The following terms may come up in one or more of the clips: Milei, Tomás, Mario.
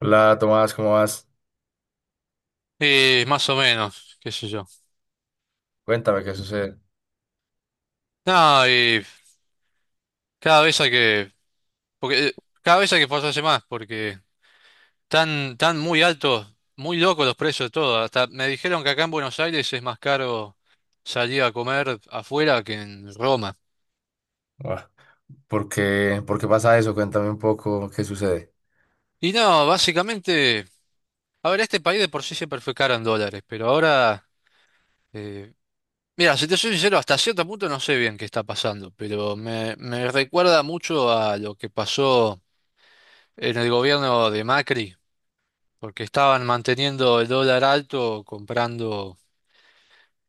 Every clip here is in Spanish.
Hola Tomás, ¿cómo vas? Y más o menos, qué sé yo. Cuéntame qué sucede. No, y cada vez hay que, porque cada vez hay que esforzarse más, porque están tan muy altos, muy locos los precios de todo. Hasta me dijeron que acá en Buenos Aires es más caro salir a comer afuera que en Roma. Buah, ¿por qué, por qué pasa eso? Cuéntame un poco qué sucede. Y no, básicamente, a ver, este país de por sí siempre fue caro en dólares, pero ahora, eh, mira, si te soy sincero, hasta cierto punto no sé bien qué está pasando, pero me recuerda mucho a lo que pasó en el gobierno de Macri porque estaban manteniendo el dólar alto comprando,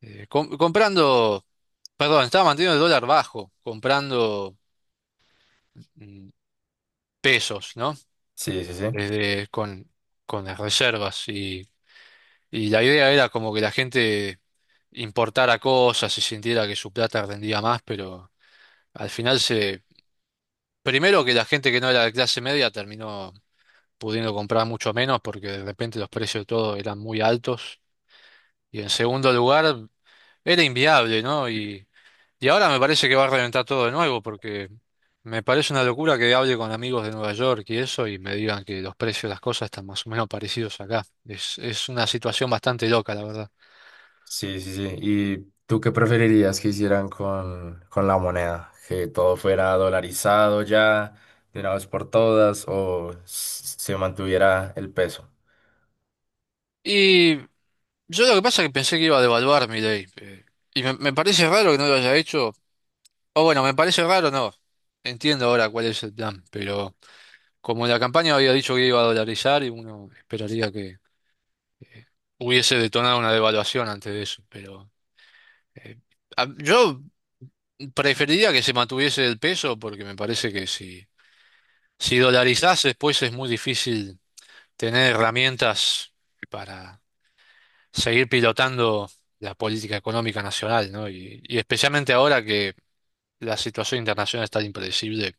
comprando, perdón, estaban manteniendo el dólar bajo, comprando mm, pesos, ¿no? Sí, sí, sí. Desde con las reservas y la idea era como que la gente importara cosas y sintiera que su plata rendía más, pero al final se, primero que la gente que no era de clase media terminó pudiendo comprar mucho menos porque de repente los precios de todo eran muy altos y en segundo lugar era inviable, ¿no? Y ahora me parece que va a reventar todo de nuevo, porque me parece una locura que hable con amigos de Nueva York y eso y me digan que los precios de las cosas están más o menos parecidos acá. Es una situación bastante loca, la verdad. Sí, sí, sí. ¿Y tú qué preferirías que hicieran con la moneda? ¿Que todo fuera dolarizado ya, de una vez por todas, o se mantuviera el peso? Y yo lo que pasa es que pensé que iba a devaluar mi ley. Y me parece raro que no lo haya hecho. O bueno, me parece raro, no. Entiendo ahora cuál es el plan, pero como la campaña había dicho que iba a dolarizar, y uno esperaría que eh, hubiese detonado una devaluación antes de eso, pero... eh, Yo preferiría que se mantuviese el peso porque me parece que si dolarizás después es muy difícil tener herramientas para seguir pilotando la política económica nacional, ¿no? Y especialmente ahora que la situación internacional es tan impredecible,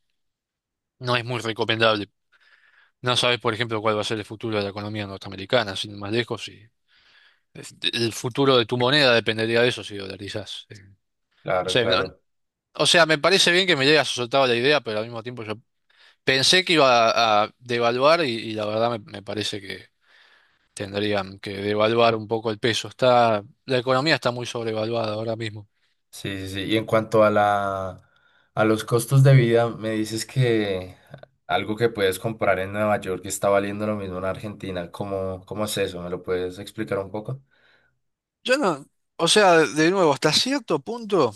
no es muy recomendable. No sabes, por ejemplo, cuál va a ser el futuro de la economía norteamericana, sin ir más lejos, y el futuro de tu moneda dependería de eso si dolarizás. O Claro, sea, claro. o sea, me parece bien que me llegue soltado la idea, pero al mismo tiempo yo pensé que iba a devaluar y la verdad me parece que tendrían que devaluar un poco el peso. Está, la economía está muy sobrevaluada ahora mismo. Sí, sí, sí. Y en cuanto a a los costos de vida, me dices que algo que puedes comprar en Nueva York está valiendo lo mismo en Argentina. ¿Cómo, cómo es eso? ¿Me lo puedes explicar un poco? Yo no, o sea, de nuevo, hasta cierto punto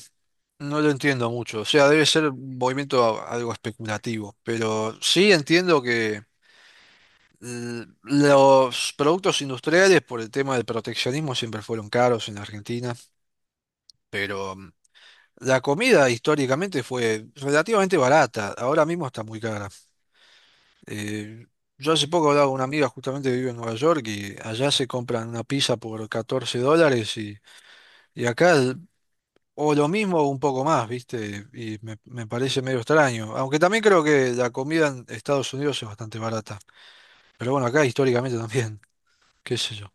no lo entiendo mucho. O sea, debe ser un movimiento algo especulativo, pero sí entiendo que los productos industriales por el tema del proteccionismo siempre fueron caros en Argentina, pero la comida históricamente fue relativamente barata, ahora mismo está muy cara. Eh, yo hace poco hablaba con una amiga justamente que vive en Nueva York y allá se compran una pizza por $14 y acá o lo mismo o un poco más, ¿viste? Y me parece medio extraño. Aunque también creo que la comida en Estados Unidos es bastante barata. Pero bueno, acá históricamente también, qué sé yo.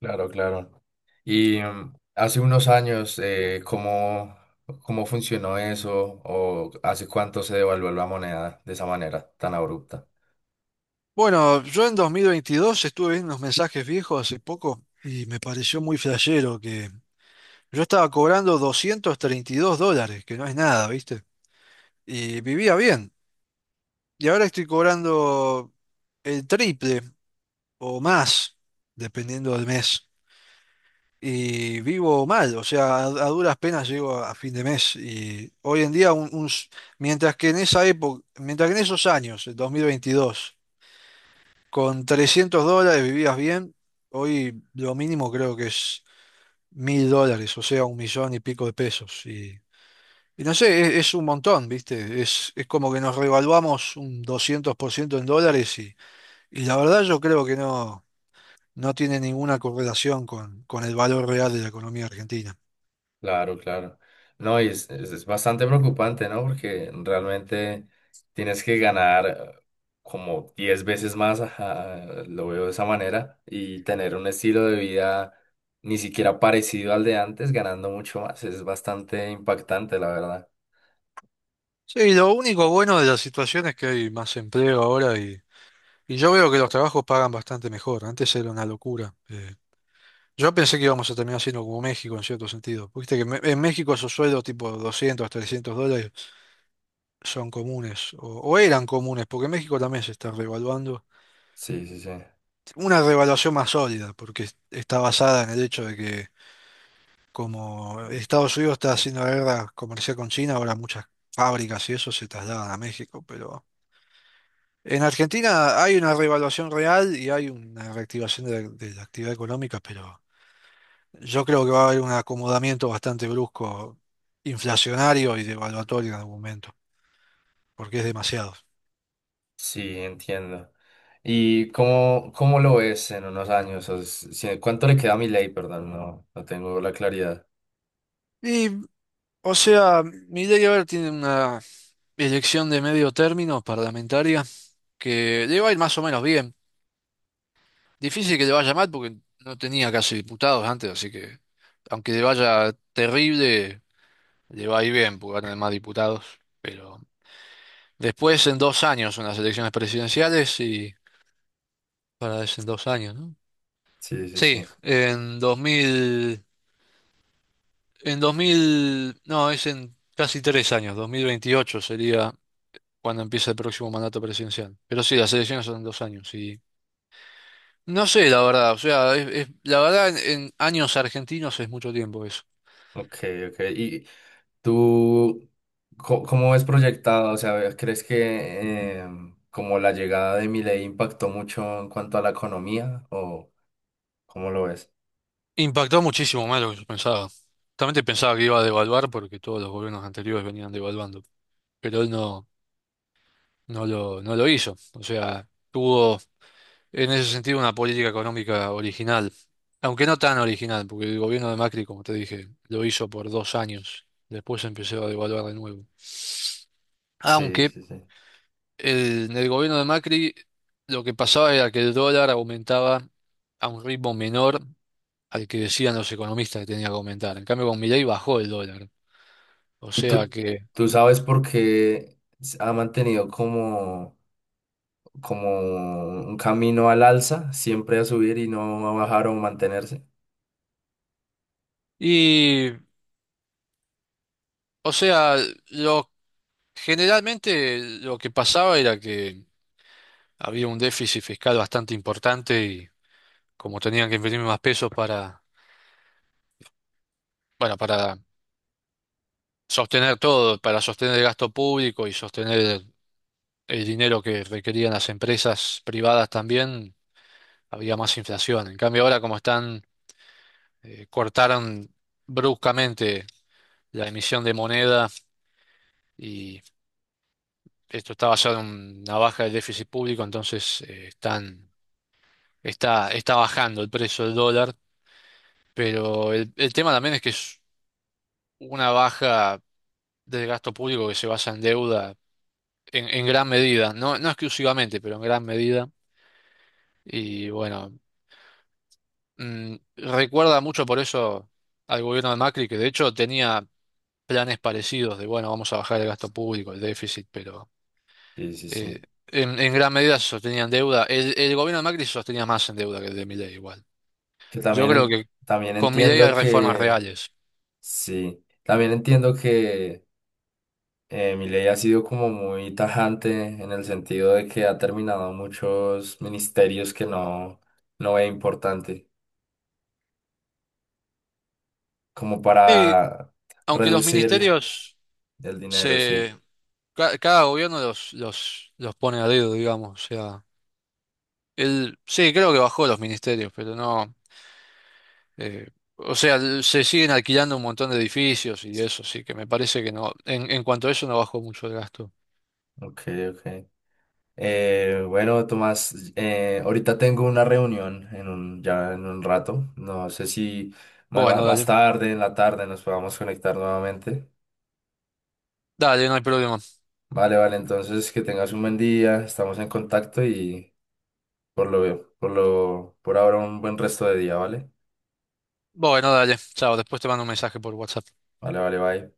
Claro, claro. Y hace unos años, ¿cómo, cómo funcionó eso? ¿O hace cuánto se devaluó la moneda de esa manera tan abrupta? Bueno, yo en 2022 estuve viendo unos mensajes viejos hace poco y me pareció muy flashero que yo estaba cobrando $232, que no es nada, ¿viste? Y vivía bien. Y ahora estoy cobrando el triple o más, dependiendo del mes. Y vivo mal, o sea, a duras penas llego a fin de mes. Y hoy en día, mientras que en esa época, mientras que en esos años, el 2022 con $300 vivías bien, hoy lo mínimo creo que es $1000, o sea, un millón y pico de pesos. Y no sé, es un montón, ¿viste? Es como que nos revaluamos un 200% en dólares. Y la verdad yo creo que no, no tiene ninguna correlación con el valor real de la economía argentina. Claro, claro. No, y es, es bastante preocupante, ¿no? Porque realmente tienes que ganar como 10 veces más, ajá, lo veo de esa manera, y tener un estilo de vida ni siquiera parecido al de antes, ganando mucho más. Es bastante impactante, la verdad. Sí, lo único bueno de la situación es que hay más empleo ahora y yo veo que los trabajos pagan bastante mejor. Antes era una locura. Yo pensé que íbamos a terminar siendo como México en cierto sentido. Viste que en México esos sueldos tipo 200, $300 son comunes o eran comunes porque México también se está revaluando. Sí, sí, sí. Una revaluación más sólida porque está basada en el hecho de que como Estados Unidos está haciendo la guerra comercial con China, ahora muchas fábricas y eso se trasladan a México, pero en Argentina hay una revaluación real y hay una reactivación de la actividad económica, pero yo creo que va a haber un acomodamiento bastante brusco, inflacionario y devaluatorio en algún momento, porque es demasiado. Sí, entiendo. ¿Y cómo, cómo lo ves en unos años? O s- si- ¿Cuánto le queda a mi ley? Perdón, no, no tengo la claridad. Y, o sea, Milei ahora tiene una elección de medio término parlamentaria que le va a ir más o menos bien. Difícil que le vaya mal porque no tenía casi diputados antes, así que aunque le vaya terrible, le va a ir bien porque va a tener más diputados. Pero después en dos años son las elecciones presidenciales y para es en dos años, ¿no? Sí, sí, Sí, sí. en 2000, en 2000, no, es en casi tres años, 2028 sería cuando empieza el próximo mandato presidencial. Pero sí, las elecciones son en dos años y no sé, la verdad, o sea, la verdad en años argentinos es mucho tiempo eso. Ok, ok. ¿Y, ¿tú cómo ves proyectado? O sea, ¿crees que como la llegada de Milei impactó mucho en cuanto a la economía o cómo lo ves? Impactó muchísimo más de lo que yo pensaba. Justamente pensaba que iba a devaluar porque todos los gobiernos anteriores venían devaluando, pero él no, no lo hizo. O sea, tuvo en ese sentido una política económica original, aunque no tan original, porque el gobierno de Macri, como te dije, lo hizo por dos años. Después empezó a devaluar de nuevo. Sí, Aunque sí, sí. En el gobierno de Macri lo que pasaba era que el dólar aumentaba a un ritmo menor al que decían los economistas que tenía que aumentar. En cambio, con Milei bajó el dólar. O ¿Y sea tú, que... tú sabes por qué ha mantenido como, como un camino al alza, siempre a subir y no a bajar o mantenerse? Y, o sea, lo, generalmente lo que pasaba era que había un déficit fiscal bastante importante y como tenían que imprimir más pesos para, bueno, para sostener todo, para sostener el gasto público y sostener el dinero que requerían las empresas privadas también, había más inflación. En cambio, ahora como están, cortaron bruscamente la emisión de moneda. Esto está basado en una baja del déficit público, entonces están, está bajando el precio del dólar, pero el tema también es que es una baja del gasto público que se basa en deuda en gran medida, no, no exclusivamente, pero en gran medida. Y bueno, recuerda mucho por eso al gobierno de Macri, que de hecho tenía planes parecidos de, bueno, vamos a bajar el gasto público, el déficit, pero... Sí, sí, eh, sí. En gran medida se sostenían deuda. El gobierno de Macri se sostenía más en deuda que el de Milei igual. Que Yo también, creo que también con mi ley hay entiendo reformas que, reales. sí, también entiendo que Milei ha sido como muy tajante en el sentido de que ha terminado muchos ministerios que no, no ve importante, como Y para aunque los reducir ministerios el dinero, sí. se... cada gobierno los pone a dedo, digamos. O sea, él, sí, creo que bajó los ministerios, pero no... eh, o sea, se siguen alquilando un montón de edificios y eso, sí, que me parece que no... en cuanto a eso no bajó mucho el gasto. Ok, ok. Bueno, Tomás, ahorita tengo una reunión en un, ya en un rato. No sé si Bueno, más dale. tarde, en la tarde, nos podamos conectar nuevamente. Dale, no hay problema. Vale, vale, entonces que tengas un buen día, estamos en contacto y... por ahora un buen resto de día, ¿vale? Bueno, dale. Chao, después te mando un mensaje por WhatsApp. Vale, vale, bye.